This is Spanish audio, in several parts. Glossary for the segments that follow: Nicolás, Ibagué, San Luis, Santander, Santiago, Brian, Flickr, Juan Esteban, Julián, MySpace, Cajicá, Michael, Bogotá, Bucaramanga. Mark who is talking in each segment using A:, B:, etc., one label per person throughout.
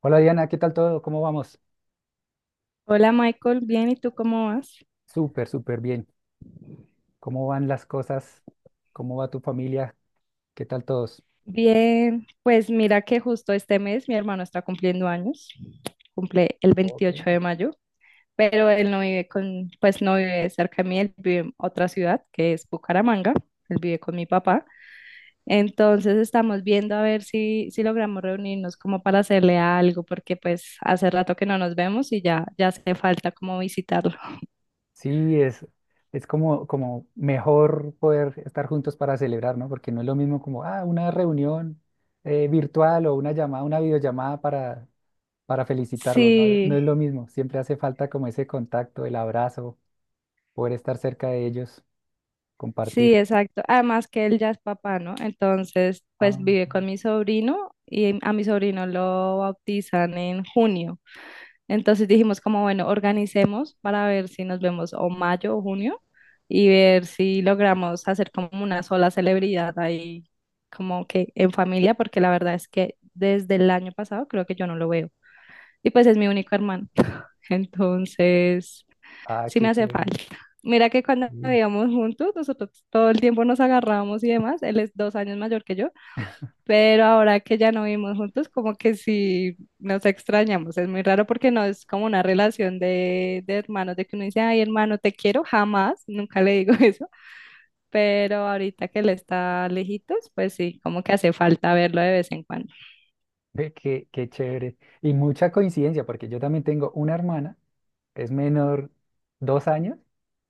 A: Hola Diana, ¿qué tal todo? ¿Cómo vamos?
B: Hola Michael, bien, ¿y tú cómo vas?
A: Súper, súper bien. ¿Cómo van las cosas? ¿Cómo va tu familia? ¿Qué tal todos?
B: Bien, pues mira que justo este mes mi hermano está cumpliendo años, cumple el
A: Ok.
B: 28 de mayo, pero él no vive pues no vive cerca de mí, él vive en otra ciudad que es Bucaramanga, él vive con mi papá, entonces estamos viendo a ver si logramos reunirnos como para hacerle algo, porque pues hace rato que no nos vemos y ya, ya hace falta como visitarlo.
A: Sí, es como, mejor poder estar juntos para celebrar, ¿no? Porque no es lo mismo como, ah, una reunión virtual o una llamada, una videollamada para felicitarlo, ¿no? No
B: Sí.
A: es lo mismo. Siempre hace falta como ese contacto, el abrazo, poder estar cerca de ellos,
B: Sí,
A: compartir.
B: exacto. Además que él ya es papá, ¿no? Entonces, pues
A: Ah,
B: vive con
A: ok.
B: mi sobrino y a mi sobrino lo bautizan en junio. Entonces dijimos como, bueno, organicemos para ver si nos vemos o mayo o junio, y ver si logramos hacer como una sola celebridad ahí, como que en familia, porque la verdad es que desde el año pasado creo que yo no lo veo. Y pues es mi único hermano. Entonces
A: Ah,
B: sí me
A: qué
B: hace
A: chévere.
B: falta. Mira que cuando
A: Sí.
B: vivíamos juntos, nosotros todo el tiempo nos agarrábamos y demás. Él es 2 años mayor que yo, pero ahora que ya no vivimos juntos, como que sí nos extrañamos. Es muy raro porque no es como una relación de hermanos, de que uno dice, ay, hermano, te quiero, jamás, nunca le digo eso. Pero ahorita que él está lejitos, pues sí, como que hace falta verlo de vez en cuando.
A: Ve, qué chévere. Y mucha coincidencia, porque yo también tengo una hermana, es menor 2 años,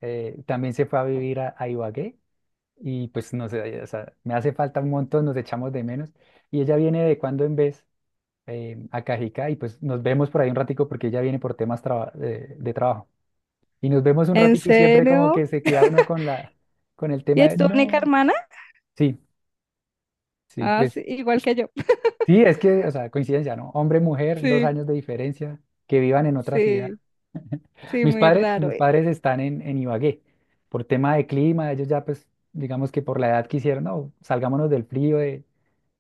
A: también se fue a vivir a Ibagué y pues no sé, o sea, me hace falta un montón, nos echamos de menos. Y ella viene de cuando en vez a Cajicá y pues nos vemos por ahí un ratico porque ella viene por temas de trabajo. Y nos vemos un
B: ¿En
A: ratico y siempre como
B: serio?
A: que se queda uno con la, con el
B: ¿Y
A: tema
B: es
A: de,
B: tu única
A: no,
B: hermana?
A: sí, sí,
B: Ah, sí,
A: pues.
B: igual que yo.
A: Sí, es que, o sea, coincidencia, ¿no? Hombre, mujer, dos
B: Sí,
A: años de diferencia, que vivan en otra ciudad.
B: sí, sí,
A: Mis
B: muy
A: padres,
B: raro.
A: mis padres están en Ibagué. Por tema de clima, ellos ya, pues, digamos que por la edad quisieron, no, salgámonos del frío, de,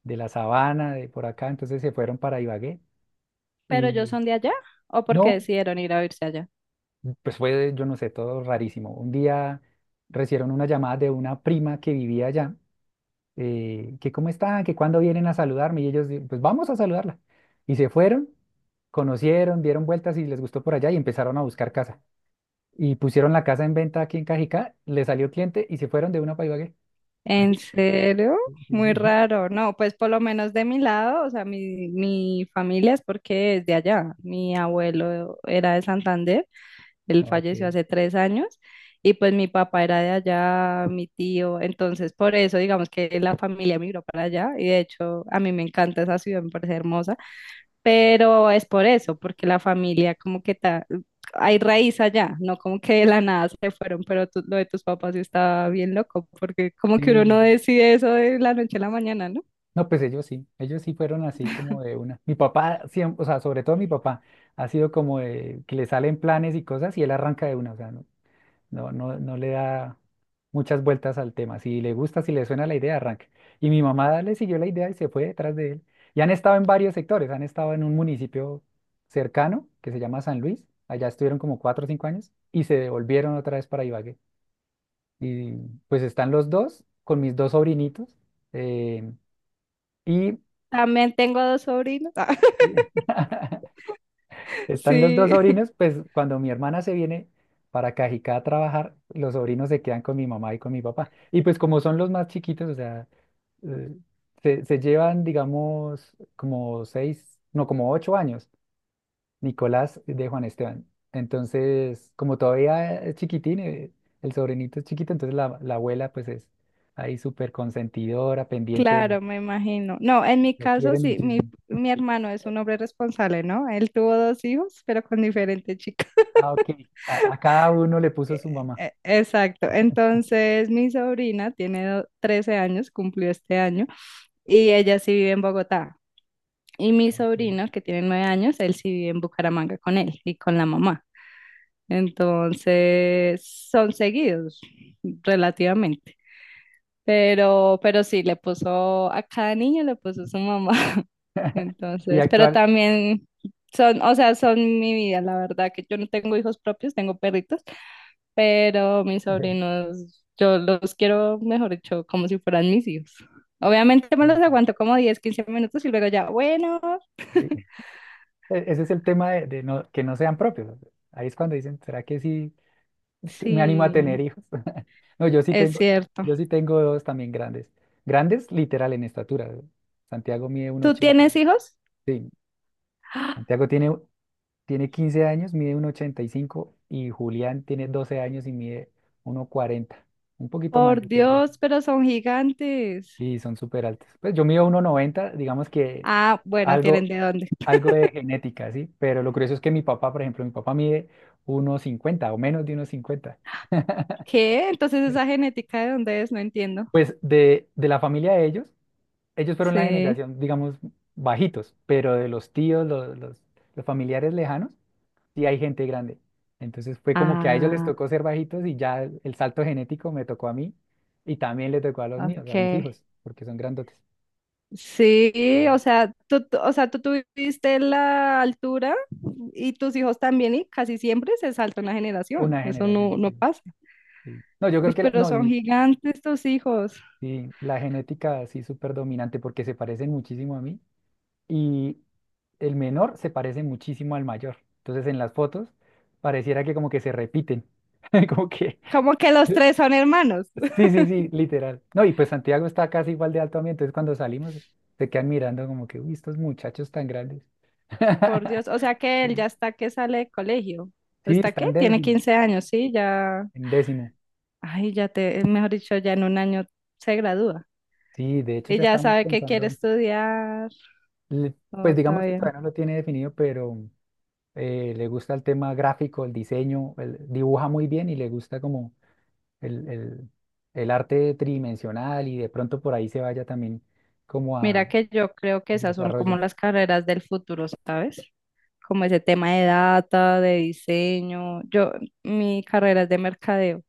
A: de la sabana, de por acá, entonces se fueron para Ibagué.
B: Pero ellos
A: Y
B: son de allá, ¿o porque
A: no,
B: decidieron ir a irse allá?
A: pues fue, yo no sé, todo rarísimo. Un día recibieron una llamada de una prima que vivía allá que cómo están, que cuándo vienen a saludarme. Y ellos, pues vamos a saludarla. Y se fueron, conocieron, dieron vueltas y les gustó por allá y empezaron a buscar casa. Y pusieron la casa en venta aquí en Cajicá, le salió cliente y se fueron de una para Ibagué. Así,
B: ¿En serio?
A: sí,
B: Muy
A: sí.
B: raro. No, pues por lo menos de mi lado, o sea, mi familia es porque es de allá. Mi abuelo era de Santander, él
A: No,
B: falleció
A: que
B: hace 3 años, y pues mi papá era de allá, mi tío. Entonces, por eso, digamos que la familia migró para allá, y de hecho, a mí me encanta esa ciudad, me parece hermosa. Pero es por eso, porque la familia como que hay raíz allá, no como que de la nada se fueron, pero lo de tus papás sí está bien loco, porque como
A: sí,
B: que
A: sí,
B: uno no
A: sí.
B: decide eso de la noche a la mañana, ¿no?
A: No, pues ellos sí fueron así como de una. Mi papá, siempre, o sea, sobre todo mi papá, ha sido como de que le salen planes y cosas y él arranca de una, o sea, ¿no? No, no, no le da muchas vueltas al tema. Si le gusta, si le suena la idea, arranca. Y mi mamá le siguió la idea y se fue detrás de él. Y han estado en varios sectores. Han estado en un municipio cercano que se llama San Luis. Allá estuvieron como 4 o 5 años y se devolvieron otra vez para Ibagué. Y pues están los dos con mis dos sobrinitos. eh, y
B: También tengo dos sobrinos.
A: están los dos
B: Sí,
A: sobrinos, pues cuando mi hermana se viene para Cajicá a trabajar, los sobrinos se quedan con mi mamá y con mi papá. Y pues como son los más chiquitos, o sea, eh, se llevan, digamos, como seis, no, como 8 años, Nicolás de Juan Esteban. Entonces, como todavía es chiquitín, el sobrinito es chiquito, entonces la abuela pues es ahí súper consentidora, pendiente,
B: claro, me imagino. No, en mi
A: lo
B: caso
A: quieren
B: sí, mi,
A: muchísimo.
B: mi hermano es un hombre responsable, ¿no? Él tuvo dos hijos, pero con diferente chica.
A: Ah, ok. A cada uno le puso
B: Eh,
A: su mamá.
B: Exacto. Entonces, mi sobrina tiene 13 años, cumplió este año, y ella sí vive en Bogotá. Y mi
A: Ok.
B: sobrino, que tiene 9 años, él sí vive en Bucaramanga con él y con la mamá. Entonces, son seguidos relativamente. Pero sí, le puso a cada niño, le puso su mamá.
A: Y
B: Entonces, pero
A: actual,
B: también son, o sea, son mi vida, la verdad, que yo no tengo hijos propios, tengo perritos, pero mis sobrinos, yo los quiero, mejor dicho, como si fueran mis hijos. Obviamente me los aguanto como 10 15 minutos y luego ya, bueno.
A: sí. Ese es el tema de que no sean propios. Ahí es cuando dicen, ¿será que sí? Me animo a
B: Sí,
A: tener hijos. No, yo sí
B: es
A: tengo,
B: cierto.
A: yo sí tengo dos también grandes. Grandes literal en estatura. Santiago mide
B: ¿Tú
A: 1,80.
B: tienes hijos?
A: Sí, Santiago tiene 15 años, mide 1,85 y cinco y Julián tiene 12 años y mide 1,40. Un poquito más,
B: Por
A: yo creo ya.
B: Dios, pero son gigantes.
A: Y son súper altos. Pues yo mido 1,90, digamos que
B: Ah, bueno, tienen
A: algo,
B: de dónde.
A: algo de genética, ¿sí? Pero lo curioso es que mi papá, por ejemplo, mi papá mide 1,50 o menos de 1,50.
B: ¿Qué? Entonces esa genética de dónde es, no entiendo.
A: Pues de la familia de ellos, ellos fueron la
B: Sí.
A: generación, digamos, bajitos, pero de los tíos, los familiares lejanos, sí hay gente grande. Entonces fue como que a ellos les
B: Ah,
A: tocó ser bajitos y ya salto genético me tocó a mí y también le tocó a los míos,
B: ok.
A: a mis hijos, porque son grandotes.
B: Sí, o sea, o sea, tú tuviste la altura y tus hijos también, y casi siempre se salta una generación.
A: Una
B: Eso no,
A: generación,
B: no
A: sí,
B: pasa.
A: sí. No, yo creo
B: Uy,
A: que la,
B: pero
A: no,
B: son
A: mi,
B: gigantes tus hijos.
A: sí, la genética sí súper dominante porque se parecen muchísimo a mí y el menor se parece muchísimo al mayor. Entonces en las fotos pareciera que como que se repiten, como que...
B: Como que los tres son hermanos.
A: Sí, sí, sí, literal. No, y pues Santiago está casi igual de alto a mí, entonces cuando salimos se quedan mirando como que, uy, estos muchachos tan grandes.
B: Por Dios, o sea que él ya está que sale de colegio.
A: Sí,
B: ¿Está qué? Tiene 15 años, sí, ya,
A: en décimo.
B: ay, ya te, mejor dicho, ya en un año se gradúa
A: Sí, de hecho
B: y
A: ya
B: ya
A: estamos
B: sabe que quiere
A: pensando,
B: estudiar.
A: le-
B: Oh,
A: pues
B: está
A: digamos que
B: bien.
A: todavía no lo tiene definido, pero le gusta el tema gráfico, el diseño, él dibuja muy bien y le gusta como el, el- el arte tridimensional y de pronto por ahí se vaya también como a
B: Mira que yo creo que esas son como
A: desarrollo.
B: las carreras del futuro, ¿sabes? Como ese tema de data, de diseño. Yo, mi carrera es de mercadeo.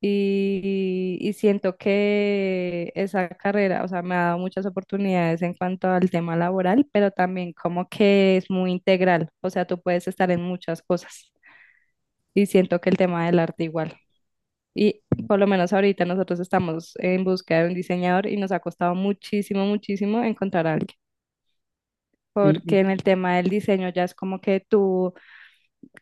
B: Y siento que esa carrera, o sea, me ha dado muchas oportunidades en cuanto al tema laboral, pero también como que es muy integral, o sea, tú puedes estar en muchas cosas, y siento que el tema del arte igual. Y
A: Mm.
B: por lo menos ahorita nosotros estamos en búsqueda de un diseñador y nos ha costado muchísimo, muchísimo encontrar a alguien,
A: Y,
B: porque
A: y
B: en el tema del diseño ya es como que tú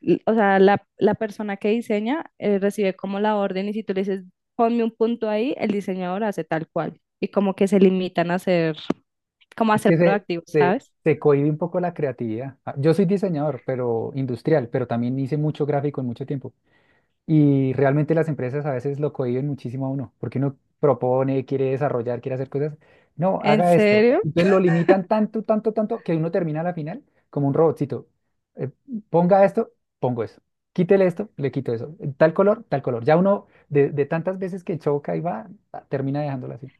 B: l- o sea, la persona que diseña recibe como la orden, y si tú le dices, ponme un punto ahí, el diseñador hace tal cual. Y como que se limitan a ser, como a
A: es
B: ser
A: que
B: proactivos,
A: se,
B: ¿sabes?
A: se cohíbe un poco la creatividad. Ah, yo soy diseñador, pero industrial, pero también hice mucho gráfico en mucho tiempo. Y realmente las empresas a veces lo cohíben muchísimo a uno, porque uno propone, quiere desarrollar, quiere hacer cosas. No,
B: ¿En
A: haga esto.
B: serio?
A: Entonces lo limitan tanto, tanto, tanto, que uno termina a la final como un robotcito. Eh, ponga esto, pongo eso. Quítele esto, le quito eso. Tal color, tal color. Ya uno, de tantas veces que choca y va, ah, termina dejándolo así.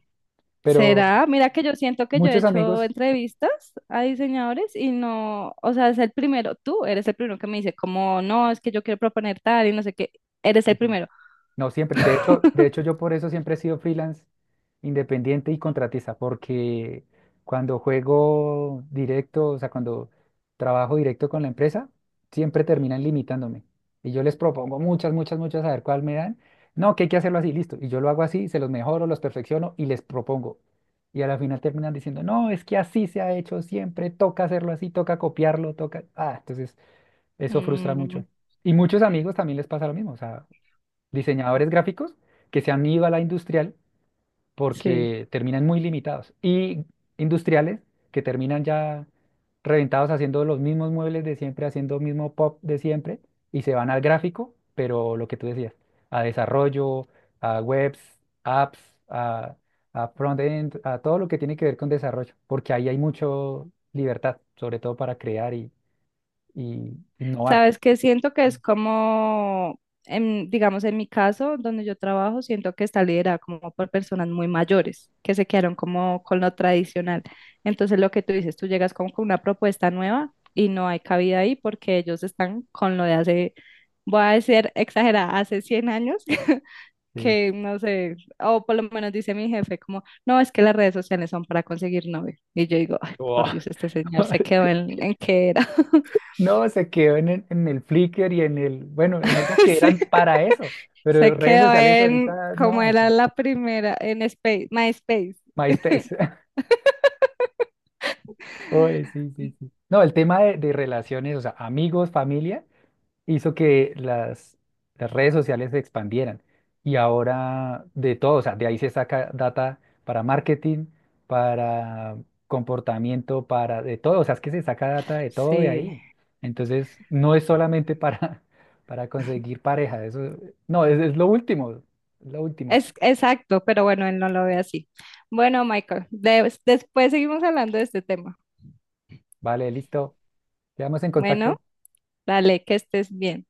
A: Pero
B: ¿Será? Mira que yo siento que yo he
A: muchos
B: hecho
A: amigos.
B: entrevistas a diseñadores y no, o sea, es el primero, tú eres el primero que me dice como, no, es que yo quiero proponer tal y no sé qué, eres el primero.
A: No siempre. De hecho, yo por eso siempre he sido freelance, independiente y contratista, porque cuando juego directo, o sea, cuando trabajo directo con la empresa, siempre terminan limitándome. Y yo les propongo muchas, muchas, muchas, a ver cuál me dan. No, que hay que hacerlo así, listo. Y yo lo hago así, se los mejoro, los perfecciono y les propongo. Y a la final terminan diciendo, no, es que así se ha hecho siempre, toca hacerlo así, toca copiarlo, toca. Ah, entonces eso frustra
B: Mm,
A: mucho. Y muchos amigos también les pasa lo mismo. O sea, diseñadores gráficos que se han ido a la industrial
B: sí.
A: porque terminan muy limitados y industriales que terminan ya reventados haciendo los mismos muebles de siempre, haciendo mismo pop de siempre y se van al gráfico, pero lo que tú decías, a desarrollo, a webs, apps, a, a front-end, a todo lo que tiene que ver con desarrollo, porque ahí hay mucho libertad, sobre todo para crear y innovar.
B: Sabes que siento que es como, en, digamos, en mi caso, donde yo trabajo, siento que está liderada como por personas muy mayores, que se quedaron como con lo tradicional. Entonces, lo que tú dices, tú llegas como con una propuesta nueva y no hay cabida ahí porque ellos están con lo de hace, voy a decir exagerada, hace 100 años.
A: Sí.
B: Que no sé, o por lo menos dice mi jefe, como, no, es que las redes sociales son para conseguir novio. Y yo digo, ay,
A: Oh.
B: por Dios, este señor se quedó en qué era.
A: No, se quedó en el, Flickr y en el, bueno, en esas que
B: Sí.
A: eran para eso, pero
B: Se
A: redes
B: quedó
A: sociales
B: en,
A: ahorita
B: como
A: no, o sea,
B: era la primera, en Space, MySpace.
A: MySpace. Oye, sí, sí, sí. No, el tema de relaciones, o sea, amigos, familia, hizo que las redes sociales se expandieran. Y ahora de todo, o sea, de ahí se saca data para marketing, para comportamiento, para de todo. O sea, es que se saca data de todo de
B: Sí,
A: ahí. Entonces, no es solamente para, para conseguir pareja. Eso, no, es lo último. Es lo último.
B: es exacto, pero bueno, él no lo ve así. Bueno, Michael, después seguimos hablando de este tema.
A: Vale, listo. Quedamos en
B: Bueno,
A: contacto.
B: dale, que estés bien.